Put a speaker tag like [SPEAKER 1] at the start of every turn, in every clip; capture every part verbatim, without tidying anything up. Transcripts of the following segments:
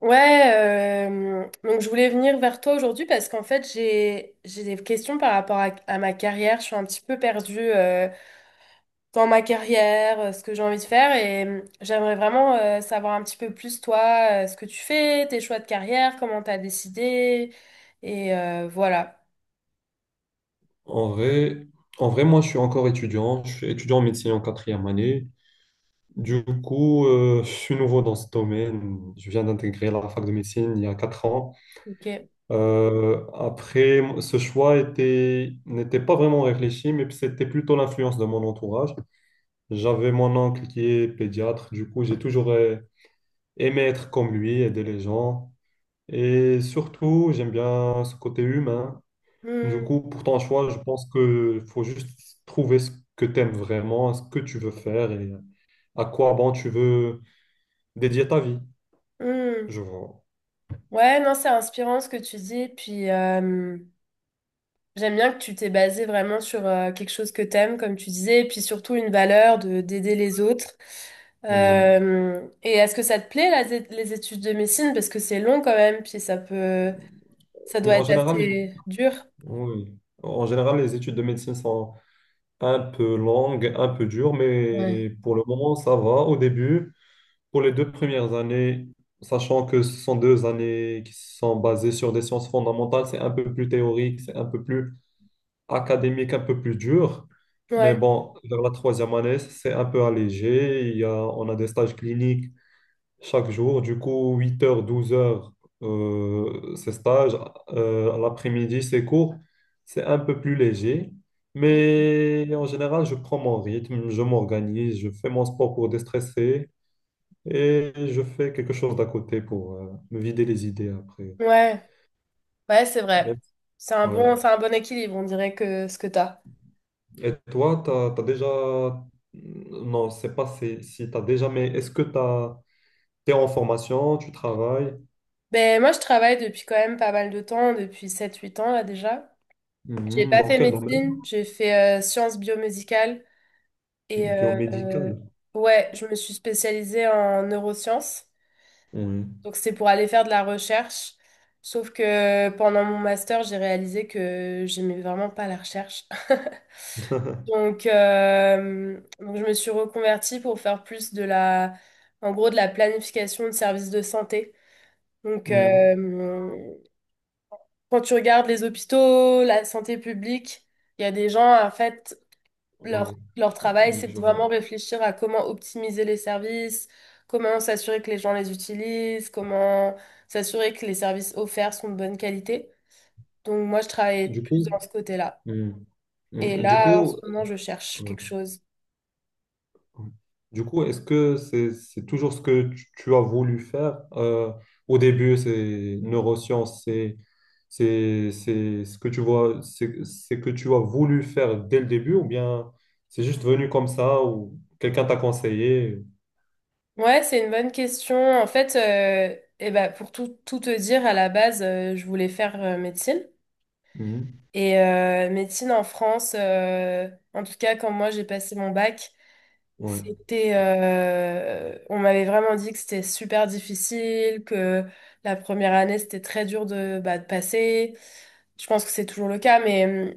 [SPEAKER 1] Ouais, euh, donc je voulais venir vers toi aujourd'hui parce qu'en fait j'ai j'ai des questions par rapport à, à ma carrière. Je suis un petit peu perdue euh, dans ma carrière, euh, ce que j'ai envie de faire et euh, j'aimerais vraiment euh, savoir un petit peu plus toi, euh, ce que tu fais, tes choix de carrière, comment t'as décidé et euh, voilà.
[SPEAKER 2] En vrai, en vrai, moi, je suis encore étudiant. Je suis étudiant en médecine en quatrième année. Du coup, euh, je suis nouveau dans ce domaine. Je viens d'intégrer la fac de médecine il y a quatre ans.
[SPEAKER 1] Ok.
[SPEAKER 2] Euh, après, ce choix était, n'était pas vraiment réfléchi, mais c'était plutôt l'influence de mon entourage. J'avais mon oncle qui est pédiatre. Du coup, j'ai toujours euh, aimé être comme lui, aider les gens. Et surtout, j'aime bien ce côté humain. Du
[SPEAKER 1] Hmm,
[SPEAKER 2] coup, pour ton choix, je pense que faut juste trouver ce que tu aimes vraiment, ce que tu veux faire et à quoi bon tu veux dédier ta vie.
[SPEAKER 1] hmm.
[SPEAKER 2] Je vois.
[SPEAKER 1] Ouais, non, c'est inspirant ce que tu dis. Puis j'aime bien que tu t'es basé vraiment sur euh, quelque chose que t'aimes, comme tu disais, et puis surtout une valeur de d'aider les autres.
[SPEAKER 2] Oui.
[SPEAKER 1] Euh, et est-ce que ça te plaît, là, les les études de médecine? Parce que c'est long quand même, puis ça peut, ça
[SPEAKER 2] Oui,
[SPEAKER 1] doit
[SPEAKER 2] en
[SPEAKER 1] être
[SPEAKER 2] général, les-
[SPEAKER 1] assez dur.
[SPEAKER 2] oui. En général, les études de médecine sont un peu longues, un peu dures,
[SPEAKER 1] Ouais,
[SPEAKER 2] mais pour le moment, ça va. Au début, pour les deux premières années, sachant que ce sont deux années qui sont basées sur des sciences fondamentales, c'est un peu plus théorique, c'est un peu plus académique un peu plus dur. Mais
[SPEAKER 1] ouais,
[SPEAKER 2] bon, vers la troisième année, c'est un peu allégé. Il y a, on a des stages cliniques chaque jour. Du coup, huit heures, douze heures, euh, ces stages. Euh, à l'après-midi, ces cours, c'est un peu plus léger. Mais en général, je prends mon rythme, je m'organise, je fais mon sport pour déstresser et je fais quelque chose d'à côté pour euh, me vider les idées après.
[SPEAKER 1] ouais, ouais, c'est vrai.
[SPEAKER 2] Même- si,
[SPEAKER 1] C'est un
[SPEAKER 2] ouais.
[SPEAKER 1] bon, c'est un bon équilibre, on dirait que ce que t'as.
[SPEAKER 2] Et toi, t'as, t'as déjà... Non, c'est pas si, si t'as déjà, mais est-ce que t'as... T'es en formation, tu travailles.
[SPEAKER 1] Ben, moi, je travaille depuis quand même pas mal de temps, depuis sept, huit ans, là, déjà. J'ai
[SPEAKER 2] Mhm.
[SPEAKER 1] pas
[SPEAKER 2] Dans
[SPEAKER 1] fait
[SPEAKER 2] quel domaine?
[SPEAKER 1] médecine, j'ai fait euh, sciences biomédicales. Et euh,
[SPEAKER 2] Biomédical.
[SPEAKER 1] euh, ouais, je me suis spécialisée en neurosciences.
[SPEAKER 2] Oui.
[SPEAKER 1] Donc c'est pour aller faire de la recherche. Sauf que pendant mon master, j'ai réalisé que j'aimais vraiment pas la recherche. Donc, euh, donc je me suis reconvertie pour faire plus de la, en gros, de la planification de services de santé. Donc,
[SPEAKER 2] Mhm.
[SPEAKER 1] euh, Quand tu regardes les hôpitaux, la santé publique, il y a des gens, en fait,
[SPEAKER 2] Oui,
[SPEAKER 1] Leur, leur travail,
[SPEAKER 2] oui,
[SPEAKER 1] c'est de
[SPEAKER 2] je
[SPEAKER 1] vraiment
[SPEAKER 2] vois.
[SPEAKER 1] réfléchir à comment optimiser les services, comment s'assurer que les gens les utilisent, comment s'assurer que les services offerts sont de bonne qualité. Donc moi, je travaille
[SPEAKER 2] Du
[SPEAKER 1] plus dans
[SPEAKER 2] coup,
[SPEAKER 1] ce côté-là.
[SPEAKER 2] mhm.
[SPEAKER 1] Et
[SPEAKER 2] Mhm. Du
[SPEAKER 1] là, en ce
[SPEAKER 2] coup,
[SPEAKER 1] moment, je cherche
[SPEAKER 2] ouais.
[SPEAKER 1] quelque chose.
[SPEAKER 2] Du coup, est-ce que c'est c'est toujours ce que tu, tu as voulu faire? Euh, au début, c'est neurosciences, c'est C'est, c'est ce que tu vois, c'est c'est que tu as voulu faire dès le début ou bien c'est juste venu comme ça ou quelqu'un t'a conseillé.
[SPEAKER 1] Ouais, c'est une bonne question. En fait, euh, eh ben, Pour tout, tout te dire, à la base, euh, je voulais faire euh, médecine.
[SPEAKER 2] Mhm.
[SPEAKER 1] Et euh, médecine en France, euh, en tout cas, quand moi j'ai passé mon bac,
[SPEAKER 2] Ouais.
[SPEAKER 1] c'était, euh, on m'avait vraiment dit que c'était super difficile, que la première année c'était très dur de, bah, de passer. Je pense que c'est toujours le cas, mais euh,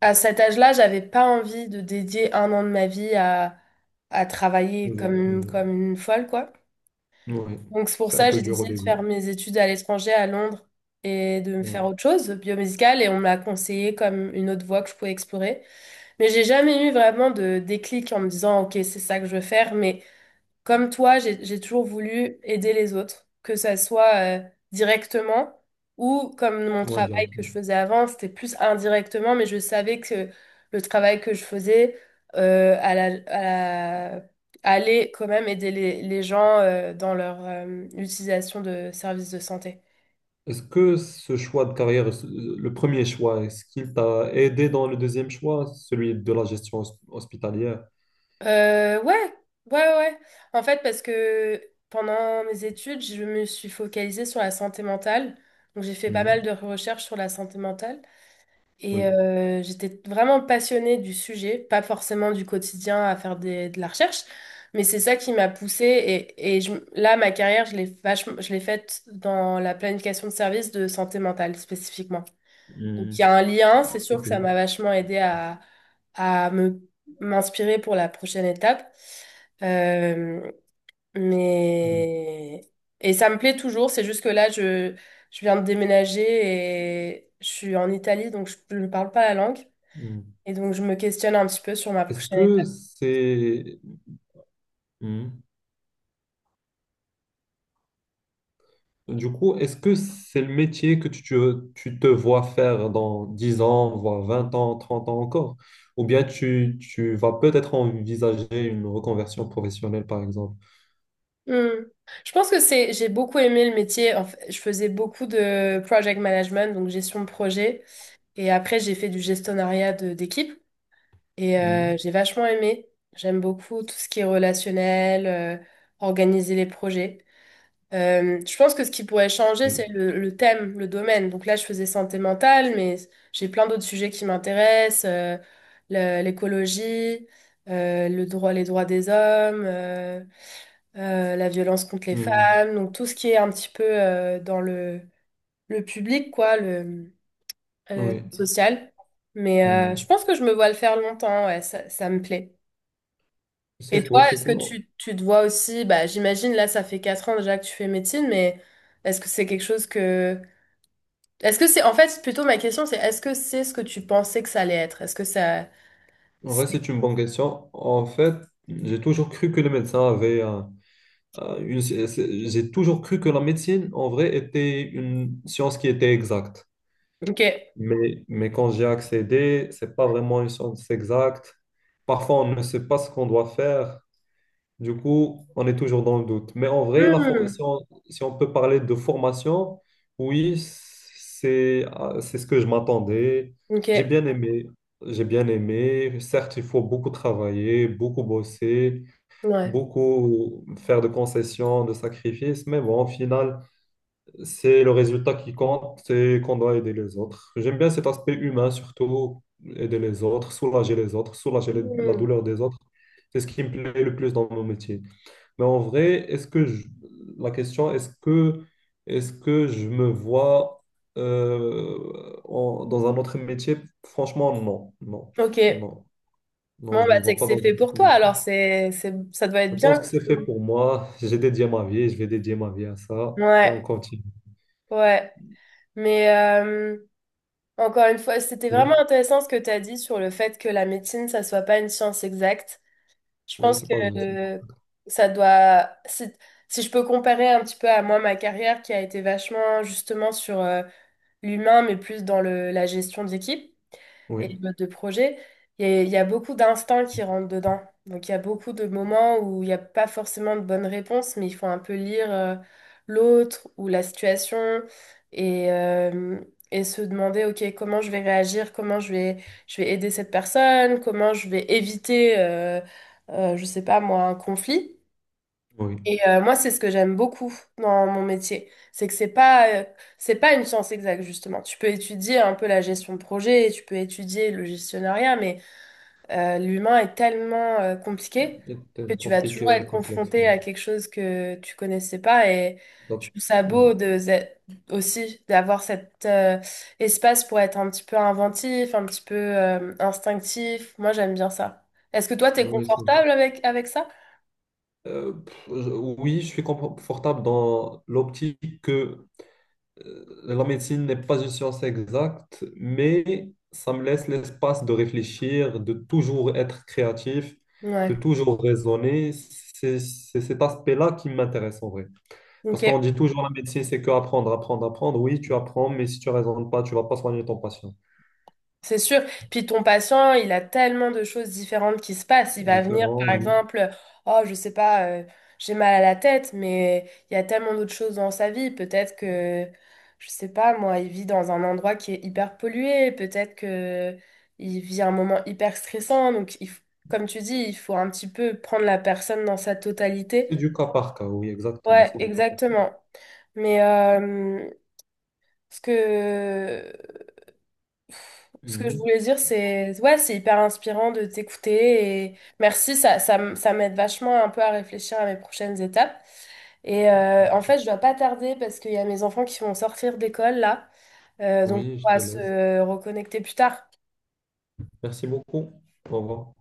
[SPEAKER 1] à cet âge-là, j'avais pas envie de dédier un an de ma vie à, à travailler comme
[SPEAKER 2] Toujours,
[SPEAKER 1] une,
[SPEAKER 2] ouais.
[SPEAKER 1] comme une folle, quoi.
[SPEAKER 2] Ouais.
[SPEAKER 1] Donc c'est pour
[SPEAKER 2] C'est un
[SPEAKER 1] ça que
[SPEAKER 2] peu
[SPEAKER 1] j'ai
[SPEAKER 2] dur au
[SPEAKER 1] décidé de
[SPEAKER 2] début.
[SPEAKER 1] faire mes études à l'étranger, à Londres, et de me faire
[SPEAKER 2] Ouais.
[SPEAKER 1] autre chose, biomédicale, et on m'a conseillé comme une autre voie que je pouvais explorer. Mais j'ai jamais eu vraiment de déclic en me disant, OK, c'est ça que je veux faire. Mais comme toi, j'ai, j'ai toujours voulu aider les autres, que ça soit euh, directement ou comme mon
[SPEAKER 2] Moi,
[SPEAKER 1] travail que je
[SPEAKER 2] directement.
[SPEAKER 1] faisais avant, c'était plus indirectement, mais je savais que le travail que je faisais euh, à la, à la- allait quand même aider les, les gens euh, dans leur euh, utilisation de services de santé.
[SPEAKER 2] Est-ce que ce choix de carrière, ce- le premier choix, est-ce qu'il t'a aidé dans le deuxième choix, celui de la gestion hos- hospitalière?
[SPEAKER 1] Euh, ouais, ouais, ouais. Ouais. En fait, parce que pendant mes études, je me suis focalisée sur la santé mentale. Donc, j'ai fait pas mal
[SPEAKER 2] Mhm.
[SPEAKER 1] de recherches sur la santé mentale. Et
[SPEAKER 2] Oui.
[SPEAKER 1] euh, j'étais vraiment passionnée du sujet, pas forcément du quotidien à faire des- de la recherche, mais c'est ça qui m'a poussée. Et, et je- là, ma carrière, je l'ai vachement, je l'ai faite dans la planification de services de santé mentale spécifiquement. Donc il
[SPEAKER 2] Mhm.
[SPEAKER 1] y a un lien, c'est
[SPEAKER 2] C'est
[SPEAKER 1] sûr que ça
[SPEAKER 2] cool.
[SPEAKER 1] m'a vachement aidé à, à me m'inspirer pour la prochaine étape. Euh,
[SPEAKER 2] Mhm.
[SPEAKER 1] mais et ça me plaît toujours, c'est juste que là je je viens de déménager et je suis en Italie donc je ne parle pas la langue
[SPEAKER 2] Mhm.
[SPEAKER 1] et donc je me questionne un petit peu sur ma
[SPEAKER 2] Est-ce
[SPEAKER 1] prochaine
[SPEAKER 2] que
[SPEAKER 1] étape.
[SPEAKER 2] c'est... Mhm. Du coup, est-ce que c'est le métier que tu, tu tu te vois faire dans dix ans, voire vingt ans, trente ans encore? Ou bien tu, tu vas peut-être envisager une reconversion professionnelle, par exemple?
[SPEAKER 1] Hmm. Je pense que c'est j'ai beaucoup aimé le métier. En fait, je faisais beaucoup de project management donc gestion de projet et après j'ai fait du gestonnariat de- d'équipe. Et euh,
[SPEAKER 2] Hmm,
[SPEAKER 1] j'ai vachement aimé. J'aime beaucoup tout ce qui est relationnel, euh, organiser les projets. Euh, je pense que ce qui pourrait changer, c'est
[SPEAKER 2] oui.
[SPEAKER 1] le, le thème, le domaine. Donc là, je faisais santé mentale, mais j'ai plein d'autres sujets qui m'intéressent, euh, le- l'écologie, euh, le droit, les droits des hommes, euh, euh, la violence contre les
[SPEAKER 2] Hmm,
[SPEAKER 1] femmes. Donc tout ce qui est un petit peu euh, dans le, le public, quoi, le euh,
[SPEAKER 2] oui.
[SPEAKER 1] social. Mais
[SPEAKER 2] Hmm.
[SPEAKER 1] euh, je pense que je me vois le faire longtemps, ouais, ça ça me plaît. Et
[SPEAKER 2] C'est
[SPEAKER 1] toi,
[SPEAKER 2] cool, c'est
[SPEAKER 1] est-ce que
[SPEAKER 2] cool.
[SPEAKER 1] tu, tu te vois aussi, bah, j'imagine là, ça fait quatre ans déjà que tu fais médecine, mais est-ce que c'est quelque chose que... Est-ce que c'est... En fait, plutôt ma question, c'est est-ce que c'est ce que tu pensais que ça allait être? Est-ce que ça...
[SPEAKER 2] En vrai,
[SPEAKER 1] c'est-
[SPEAKER 2] c'est une bonne question. En fait, j'ai toujours cru que les médecins avaient un- un- une... c'est- c'est- J'ai toujours cru que la médecine, en vrai, était une science qui était exacte.
[SPEAKER 1] Ok.
[SPEAKER 2] Mais, mais quand j'ai accédé, c'est pas vraiment une science exacte. Parfois, on ne sait pas ce qu'on doit faire. Du coup, on est toujours dans le doute. Mais en vrai, la for- si
[SPEAKER 1] Hmm.
[SPEAKER 2] on, si on peut parler de formation, oui, c'est, euh, c'est ce que je m'attendais.
[SPEAKER 1] Ok.
[SPEAKER 2] J'ai bien aimé. J'ai bien aimé. Certes, il faut beaucoup travailler, beaucoup bosser,
[SPEAKER 1] Ouais.
[SPEAKER 2] beaucoup faire de concessions, de sacrifices. Mais bon, au final, c'est le résultat qui compte, c'est qu'on doit aider les autres. J'aime bien cet aspect humain, surtout aider les autres, soulager les autres, soulager les- la
[SPEAKER 1] Hmm.
[SPEAKER 2] douleur des autres. C'est ce qui me plaît le plus dans mon métier. Mais en vrai, est-ce que je- la question, est-ce que, est-ce que je me vois euh, en- dans un autre métier? Franchement, non, non,
[SPEAKER 1] Ok.
[SPEAKER 2] non, non,
[SPEAKER 1] Bon,
[SPEAKER 2] je
[SPEAKER 1] bah,
[SPEAKER 2] me
[SPEAKER 1] c'est
[SPEAKER 2] vois
[SPEAKER 1] que
[SPEAKER 2] pas
[SPEAKER 1] c'est
[SPEAKER 2] dans un
[SPEAKER 1] fait pour
[SPEAKER 2] autre
[SPEAKER 1] toi,
[SPEAKER 2] métier.
[SPEAKER 1] alors c'est, c'est... ça doit être
[SPEAKER 2] Je pense
[SPEAKER 1] bien.
[SPEAKER 2] que c'est fait pour moi. J'ai dédié ma vie, je vais dédier ma vie à ça et on
[SPEAKER 1] Ouais.
[SPEAKER 2] continue.
[SPEAKER 1] Ouais. Mais euh, encore une fois, c'était vraiment
[SPEAKER 2] Oui,
[SPEAKER 1] intéressant ce que tu as dit sur le fait que la médecine, ça soit pas une science exacte. Je
[SPEAKER 2] oui,
[SPEAKER 1] pense
[SPEAKER 2] c'est
[SPEAKER 1] que
[SPEAKER 2] pas de souci.
[SPEAKER 1] euh, ça doit. Si, si je peux comparer un petit peu à moi ma carrière qui a été vachement justement sur euh, l'humain, mais plus dans le, la gestion d'équipe et
[SPEAKER 2] Oui,
[SPEAKER 1] les modes de projet, il y a, il y a beaucoup d'instincts qui rentrent dedans. Donc, il y a beaucoup de moments où il n'y a pas forcément de bonne réponse, mais il faut un peu lire euh, l'autre ou la situation et, euh, et se demander, OK, comment je vais réagir, comment je vais, je vais aider cette personne, comment je vais éviter, euh, euh, je sais pas moi, un conflit.
[SPEAKER 2] oui.
[SPEAKER 1] Et euh, moi, c'est ce que j'aime beaucoup dans mon métier, c'est que c'est pas euh, c'est pas une science exacte justement. Tu peux étudier un peu la gestion de projet, tu peux étudier le gestionnariat, mais euh, l'humain est tellement euh, compliqué
[SPEAKER 2] C'est
[SPEAKER 1] que
[SPEAKER 2] euh,
[SPEAKER 1] tu vas
[SPEAKER 2] compliqué
[SPEAKER 1] toujours
[SPEAKER 2] et
[SPEAKER 1] être
[SPEAKER 2] complexe.
[SPEAKER 1] confronté
[SPEAKER 2] Oui.
[SPEAKER 1] à quelque chose que tu connaissais pas. Et je
[SPEAKER 2] Donc,
[SPEAKER 1] trouve ça
[SPEAKER 2] oui,
[SPEAKER 1] beau de aussi d'avoir cet euh, espace pour être un petit peu inventif, un petit peu euh, instinctif. Moi, j'aime bien ça. Est-ce que toi, t'es
[SPEAKER 2] oui, c'est vrai.
[SPEAKER 1] confortable avec avec ça?
[SPEAKER 2] Euh, pff, je- oui, je suis confortable dans l'optique que euh, la médecine n'est pas une science exacte, mais ça me laisse l'espace de réfléchir, de toujours être créatif,
[SPEAKER 1] Ouais.
[SPEAKER 2] de toujours raisonner. C'est c'est cet aspect-là qui m'intéresse en vrai. Parce
[SPEAKER 1] Ok.
[SPEAKER 2] qu'on dit toujours la médecine, c'est que apprendre, apprendre, apprendre. Oui, tu apprends, mais si tu raisonnes pas, tu vas pas soigner ton patient.
[SPEAKER 1] C'est sûr. Puis ton patient, il a tellement de choses différentes qui se passent. Il va venir,
[SPEAKER 2] Différent,
[SPEAKER 1] par
[SPEAKER 2] oui.
[SPEAKER 1] exemple, oh, je sais pas, euh, j'ai mal à la tête, mais il y a tellement d'autres choses dans sa vie. Peut-être que, je sais pas, moi, il vit dans un endroit qui est hyper pollué. Peut-être que il vit un moment hyper stressant. Donc, il f- comme tu dis, il faut un petit peu prendre la personne dans sa totalité.
[SPEAKER 2] C'est du cas par cas, oui, exactement,
[SPEAKER 1] Ouais,
[SPEAKER 2] c'est du cas par cas.
[SPEAKER 1] exactement. Mais euh, ce que ce que je
[SPEAKER 2] Mhm.
[SPEAKER 1] voulais dire, c'est ouais, c'est hyper inspirant de t'écouter et merci, ça, ça, m- ça m'aide vachement un peu à réfléchir à mes prochaines étapes. Et euh, en fait,
[SPEAKER 2] Merci.
[SPEAKER 1] je dois pas tarder parce qu'il y a mes enfants qui vont sortir d'école là, Euh, donc
[SPEAKER 2] Oui, je
[SPEAKER 1] on
[SPEAKER 2] te
[SPEAKER 1] va
[SPEAKER 2] laisse.
[SPEAKER 1] se reconnecter plus tard.
[SPEAKER 2] Merci beaucoup. Au revoir.